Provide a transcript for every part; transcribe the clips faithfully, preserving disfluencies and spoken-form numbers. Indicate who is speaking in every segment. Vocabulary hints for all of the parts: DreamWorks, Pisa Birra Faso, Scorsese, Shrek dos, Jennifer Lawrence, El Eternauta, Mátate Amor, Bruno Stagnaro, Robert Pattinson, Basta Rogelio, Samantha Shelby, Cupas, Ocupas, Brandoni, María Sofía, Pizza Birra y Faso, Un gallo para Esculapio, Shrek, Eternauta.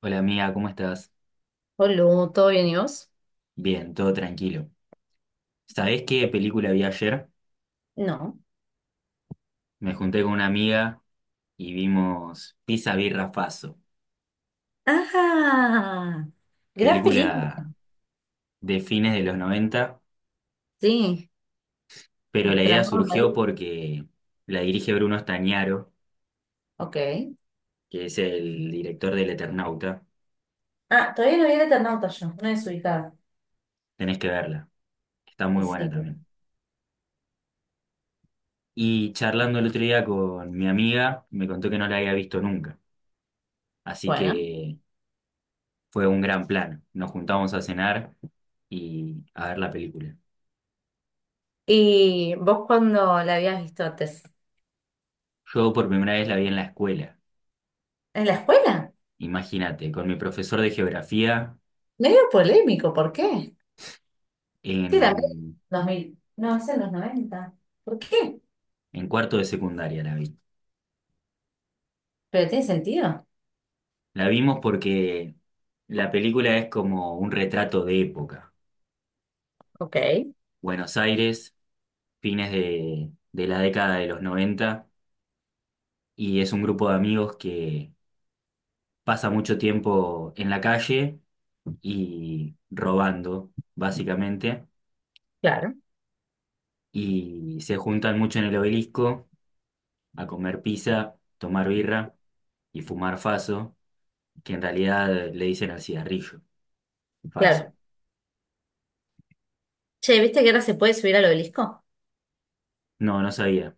Speaker 1: Hola amiga, ¿cómo estás?
Speaker 2: Hola, ¿todo bien y vos?
Speaker 1: Bien, todo tranquilo. ¿Sabés qué película vi ayer?
Speaker 2: No.
Speaker 1: Me junté con una amiga y vimos Pisa Birra Faso,
Speaker 2: Ah, gran película.
Speaker 1: película de fines de los noventa.
Speaker 2: Sí,
Speaker 1: Pero la
Speaker 2: nuestro
Speaker 1: idea
Speaker 2: amor
Speaker 1: surgió
Speaker 2: marido.
Speaker 1: porque la dirige Bruno Stagnaro,
Speaker 2: Ok.
Speaker 1: que es el director del Eternauta.
Speaker 2: Ah, todavía no vi el Eternauta yo, una desubicada.
Speaker 1: Tenés que verla, está
Speaker 2: Y
Speaker 1: muy buena
Speaker 2: sí,
Speaker 1: también. Y charlando el otro día con mi amiga, me contó que no la había visto nunca, así
Speaker 2: bueno.
Speaker 1: que fue un gran plan. Nos juntamos a cenar y a ver la película.
Speaker 2: ¿Y vos cuándo la habías visto antes?
Speaker 1: Yo por primera vez la vi en la escuela,
Speaker 2: ¿En la escuela?
Speaker 1: imagínate, con mi profesor de geografía
Speaker 2: Medio polémico, ¿por qué? Sí, la
Speaker 1: en,
Speaker 2: Dos mil. No, es en los noventa. ¿Por qué?
Speaker 1: en cuarto de secundaria la vi.
Speaker 2: Pero tiene sentido.
Speaker 1: La vimos porque la película es como un retrato de época.
Speaker 2: Ok,
Speaker 1: Buenos Aires, fines de, de la década de los noventa, y es un grupo de amigos que pasa mucho tiempo en la calle y robando, básicamente,
Speaker 2: claro,
Speaker 1: y se juntan mucho en el obelisco a comer pizza, tomar birra y fumar faso, que en realidad eh, le dicen al cigarrillo,
Speaker 2: claro.
Speaker 1: faso.
Speaker 2: Che, ¿viste que ahora se puede subir al obelisco?
Speaker 1: No, no sabía.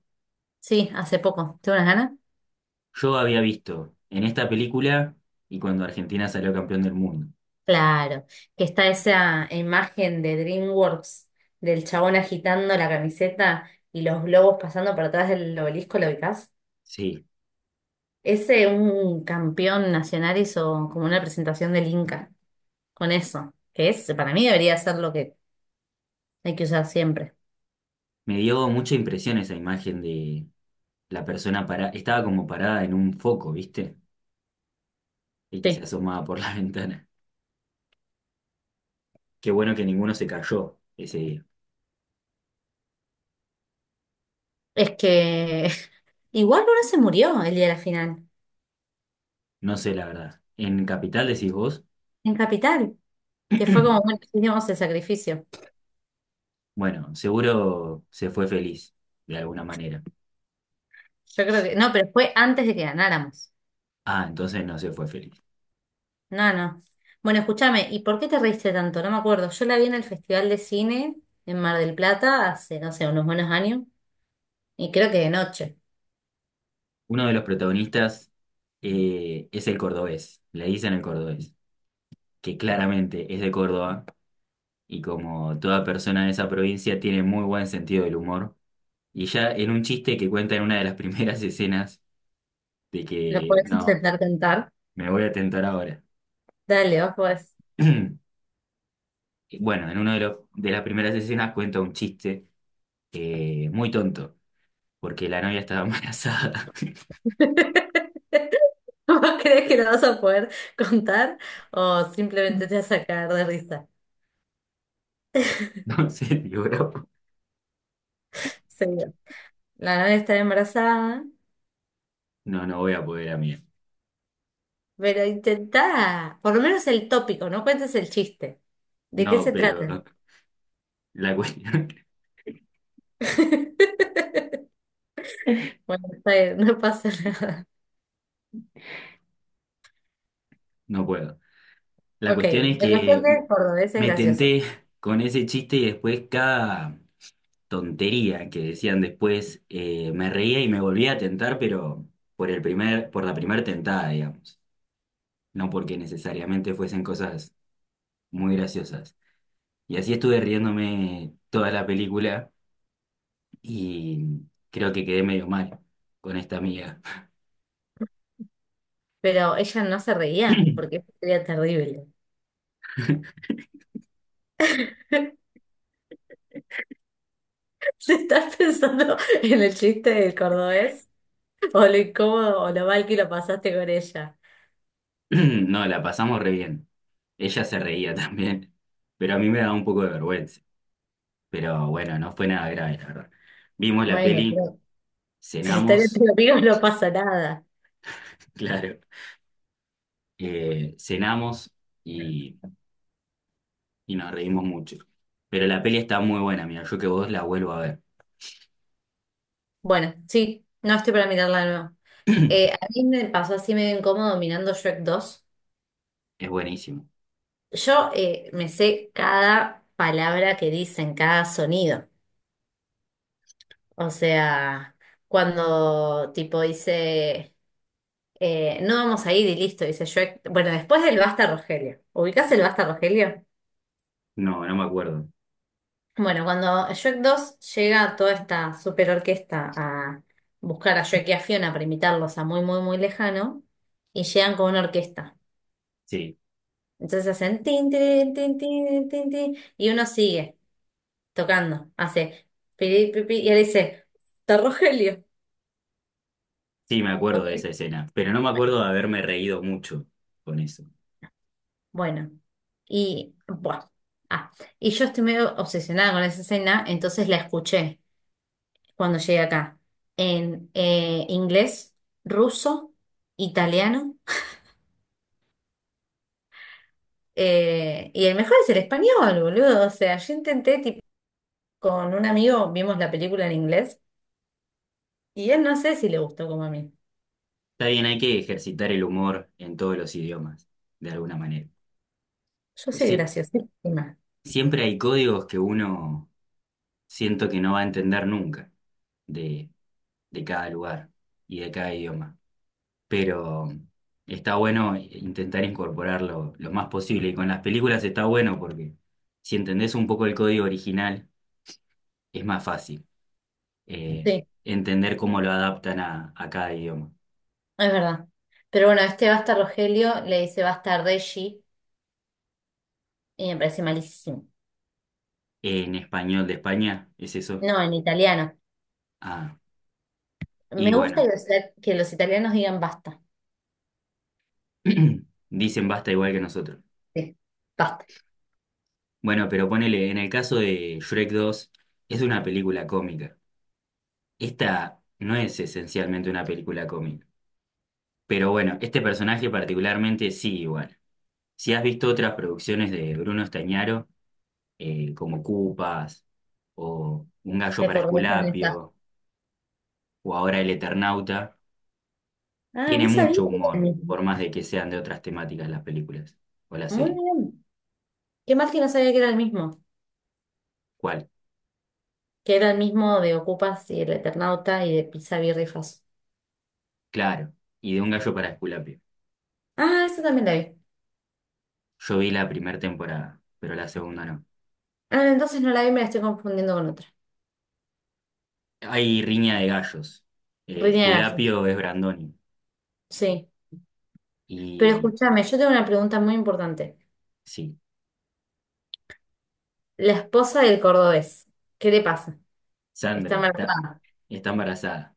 Speaker 2: Sí, hace poco. ¿Tengo unas ganas?
Speaker 1: Yo había visto en esta película y cuando Argentina salió campeón del mundo.
Speaker 2: Claro, que está esa imagen de DreamWorks del chabón agitando la camiseta y los globos pasando por atrás del obelisco, ¿lo ubicás?
Speaker 1: Sí,
Speaker 2: Ese un campeón nacional hizo como una presentación del Inca con eso, que es, para mí debería ser lo que hay que usar siempre.
Speaker 1: me dio mucha impresión esa imagen de la persona para estaba como parada en un foco, ¿viste? Y que se
Speaker 2: Sí.
Speaker 1: asomaba por la ventana. Qué bueno que ninguno se cayó ese día.
Speaker 2: Es que igual uno se murió el día de la final,
Speaker 1: No sé la verdad. ¿En Capital decís vos?
Speaker 2: en Capital, que fue como, bueno, hicimos el sacrificio.
Speaker 1: Bueno, seguro se fue feliz, de alguna manera.
Speaker 2: Yo creo que, no, pero fue antes de que ganáramos.
Speaker 1: Ah, entonces no se fue feliz.
Speaker 2: No, no. Bueno, escúchame, ¿y por qué te reíste tanto? No me acuerdo. Yo la vi en el Festival de Cine en Mar del Plata hace, no sé, unos buenos años. Y creo que de noche.
Speaker 1: Uno de los protagonistas eh, es el cordobés, le dicen el cordobés, que claramente es de Córdoba y como toda persona de esa provincia tiene muy buen sentido del humor. Y ya en un chiste que cuenta en una de las primeras escenas de
Speaker 2: ¿Lo
Speaker 1: que
Speaker 2: podés
Speaker 1: no,
Speaker 2: intentar cantar?
Speaker 1: me voy a tentar ahora.
Speaker 2: Dale, vos podés.
Speaker 1: Y bueno, en una de, los- de las primeras escenas cuenta un chiste eh, muy tonto, porque la novia estaba embarazada.
Speaker 2: ¿Vos crees que lo vas a poder contar o simplemente te vas a caer de risa?
Speaker 1: Entonces, digo,
Speaker 2: Seguro. La novia está embarazada,
Speaker 1: no, no no voy a poder a.
Speaker 2: pero intentá. Por lo menos el tópico, no cuentes el chiste. ¿De qué
Speaker 1: No,
Speaker 2: se trata?
Speaker 1: pero... La cuestión,
Speaker 2: Bueno, está bien, no pasa nada.
Speaker 1: no puedo. La
Speaker 2: Ok,
Speaker 1: cuestión es
Speaker 2: la cuestión
Speaker 1: que
Speaker 2: de cordobés es
Speaker 1: me
Speaker 2: gracioso,
Speaker 1: tenté con ese chiste y después cada tontería que decían después, eh, me reía y me volvía a tentar, pero por el primer, por la primera tentada, digamos. No porque necesariamente fuesen cosas muy graciosas. Y así estuve riéndome toda la película y creo que quedé medio mal con esta amiga.
Speaker 2: pero ella no se reía porque sería terrible. ¿Se estás pensando en el chiste del cordobés o lo incómodo o lo mal que lo pasaste con ella?
Speaker 1: No, la pasamos re bien. Ella se reía también, pero a mí me daba un poco de vergüenza. Pero bueno, no fue nada grave, la verdad. Vimos la
Speaker 2: Bueno,
Speaker 1: peli,
Speaker 2: pero si están
Speaker 1: cenamos,
Speaker 2: entre amigos no pasa nada.
Speaker 1: claro, eh, cenamos y, y nos reímos mucho. Pero la peli está muy buena, mira, yo que vos la vuelvo a ver.
Speaker 2: Bueno, sí, no estoy para mirarla de nuevo. Eh, a mí me pasó así medio incómodo mirando Shrek dos.
Speaker 1: Es buenísimo.
Speaker 2: Yo eh, me sé cada palabra que dicen, cada sonido. O sea, cuando tipo dice... Eh, no vamos a ir y listo, dice Shrek. Bueno, después del Basta Rogelio. ¿Ubicás el Basta Rogelio?
Speaker 1: No, no me acuerdo.
Speaker 2: Bueno, cuando Shrek dos llega toda esta super orquesta a buscar a Shrek y a Fiona para imitarlos a muy, muy, muy lejano, y llegan con una orquesta.
Speaker 1: Sí,
Speaker 2: Entonces hacen tin, tin, tin, tin, tin, tin, y uno sigue tocando, hace pi, pi, pi, y él dice, está Rogelio.
Speaker 1: sí me acuerdo
Speaker 2: Ok.
Speaker 1: de esa escena, pero no me acuerdo de haberme reído mucho con eso.
Speaker 2: Bueno, y bueno. Ah, y yo estoy medio obsesionada con esa escena, entonces la escuché cuando llegue acá en eh, inglés, ruso, italiano. Eh, y el mejor es el español, boludo. O sea, yo intenté, tipo, con un amigo vimos la película en inglés y él no sé si le gustó como a mí.
Speaker 1: Está bien, hay que ejercitar el humor en todos los idiomas, de alguna manera.
Speaker 2: Yo
Speaker 1: Pues
Speaker 2: soy
Speaker 1: sí,
Speaker 2: graciosísima.
Speaker 1: siempre hay códigos que uno siento que no va a entender nunca de, de cada lugar y de cada idioma. Pero está bueno intentar incorporarlo lo más posible. Y con las películas está bueno porque si entendés un poco el código original, es más fácil, eh,
Speaker 2: Sí,
Speaker 1: entender cómo lo adaptan a, a cada idioma.
Speaker 2: es verdad. Pero bueno, este basta Rogelio le dice basta Reggie y me parece malísimo.
Speaker 1: ¿En español de España, es eso?
Speaker 2: No, en italiano.
Speaker 1: Ah,
Speaker 2: Me
Speaker 1: y
Speaker 2: gusta
Speaker 1: bueno,
Speaker 2: que los, que los, italianos digan basta.
Speaker 1: dicen basta igual que nosotros.
Speaker 2: Sí, basta.
Speaker 1: Bueno, pero ponele, en el caso de Shrek dos, es una película cómica. Esta no es esencialmente una película cómica, pero bueno, este personaje particularmente sí, igual. Si has visto otras producciones de Bruno Estañaro, eh, como Cupas o Un gallo
Speaker 2: Me
Speaker 1: para
Speaker 2: acordé que no está.
Speaker 1: Esculapio o ahora El Eternauta,
Speaker 2: Ah,
Speaker 1: tiene
Speaker 2: no sabía que
Speaker 1: mucho
Speaker 2: era el
Speaker 1: humor,
Speaker 2: mismo.
Speaker 1: por más de que sean de otras temáticas las películas o la
Speaker 2: Muy
Speaker 1: serie.
Speaker 2: bien. Qué mal que no sabía que era el mismo.
Speaker 1: ¿Cuál?
Speaker 2: Que era el mismo de Ocupas y el Eternauta y de Pizza Birra y Faso.
Speaker 1: Claro, y de Un gallo para Esculapio.
Speaker 2: Ah, esa también la vi.
Speaker 1: Yo vi la primera temporada, pero la segunda no.
Speaker 2: Ah, entonces no la vi, me la estoy confundiendo con otra.
Speaker 1: Hay riña de gallos. Eh,
Speaker 2: Rini de Gallos.
Speaker 1: Esculapio es Brandoni
Speaker 2: Sí. Pero
Speaker 1: y...
Speaker 2: escúchame, yo tengo una pregunta muy importante.
Speaker 1: Sí,
Speaker 2: La esposa del cordobés, ¿qué le pasa? Está
Speaker 1: Sandra está,
Speaker 2: embarazada.
Speaker 1: está embarazada.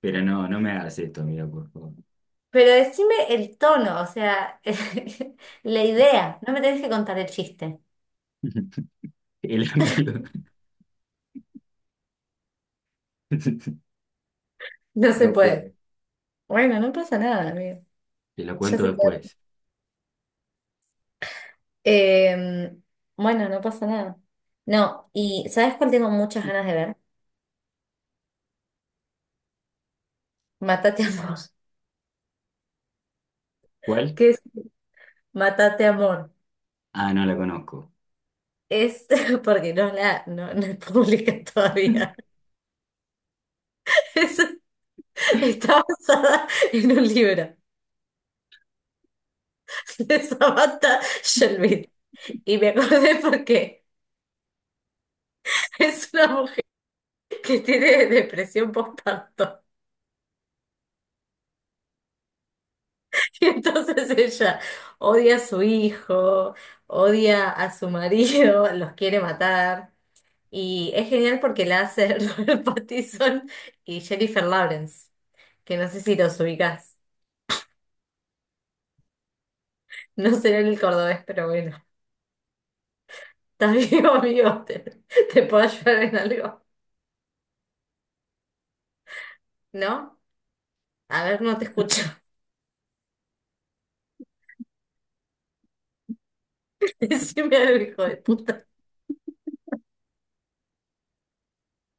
Speaker 1: Pero no, no me hagas esto, amigo, por favor.
Speaker 2: Pero decime el tono, o sea, la idea. No me tenés que contar el chiste.
Speaker 1: El amigo.
Speaker 2: No se
Speaker 1: No
Speaker 2: puede.
Speaker 1: puedo.
Speaker 2: Bueno, no pasa nada, amigo.
Speaker 1: Te lo
Speaker 2: Ya
Speaker 1: cuento
Speaker 2: se te.
Speaker 1: después.
Speaker 2: Eh, bueno, no pasa nada. No, y ¿sabes cuál tengo muchas ganas de ver? Mátate Amor.
Speaker 1: ¿Cuál?
Speaker 2: ¿Qué es Mátate Amor?
Speaker 1: Ah, no la conozco.
Speaker 2: Es porque no la no, no es pública todavía. Es- Está basada en un libro de Samantha Shelby. Y me acordé porque es una mujer que tiene depresión postparto. Y entonces ella odia a su hijo, odia a su marido, los quiere matar. Y es genial porque la hace Robert Pattinson y Jennifer Lawrence, que no sé si los ubicás. No será en el cordobés, pero bueno. Estás vivo, amigo. ¿Te, te puedo ayudar en algo? ¿No? A ver, no te escucho. Decime algo, hijo de puta.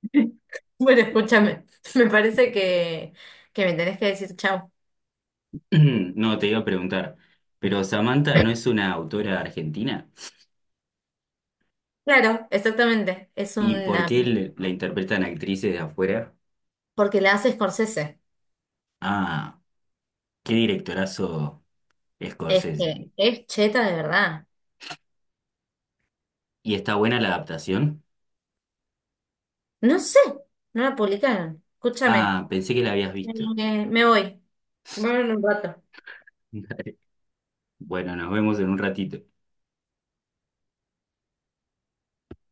Speaker 2: Bueno, escúchame. Me parece que, que me tenés que decir chau.
Speaker 1: No, te iba a preguntar. Pero Samantha no es una autora argentina.
Speaker 2: Claro, exactamente. Es
Speaker 1: ¿Y por
Speaker 2: una...
Speaker 1: qué
Speaker 2: peli-
Speaker 1: le- la interpretan actrices de afuera?
Speaker 2: Porque la hace Scorsese.
Speaker 1: Ah, qué directorazo
Speaker 2: Es
Speaker 1: Scorsese.
Speaker 2: que es cheta de verdad.
Speaker 1: ¿Y está buena la adaptación?
Speaker 2: No sé, no la publicaron. Escúchame.
Speaker 1: Ah, pensé que la habías visto.
Speaker 2: Eh, me voy. Bueno, un rato.
Speaker 1: Bueno, nos vemos en un ratito.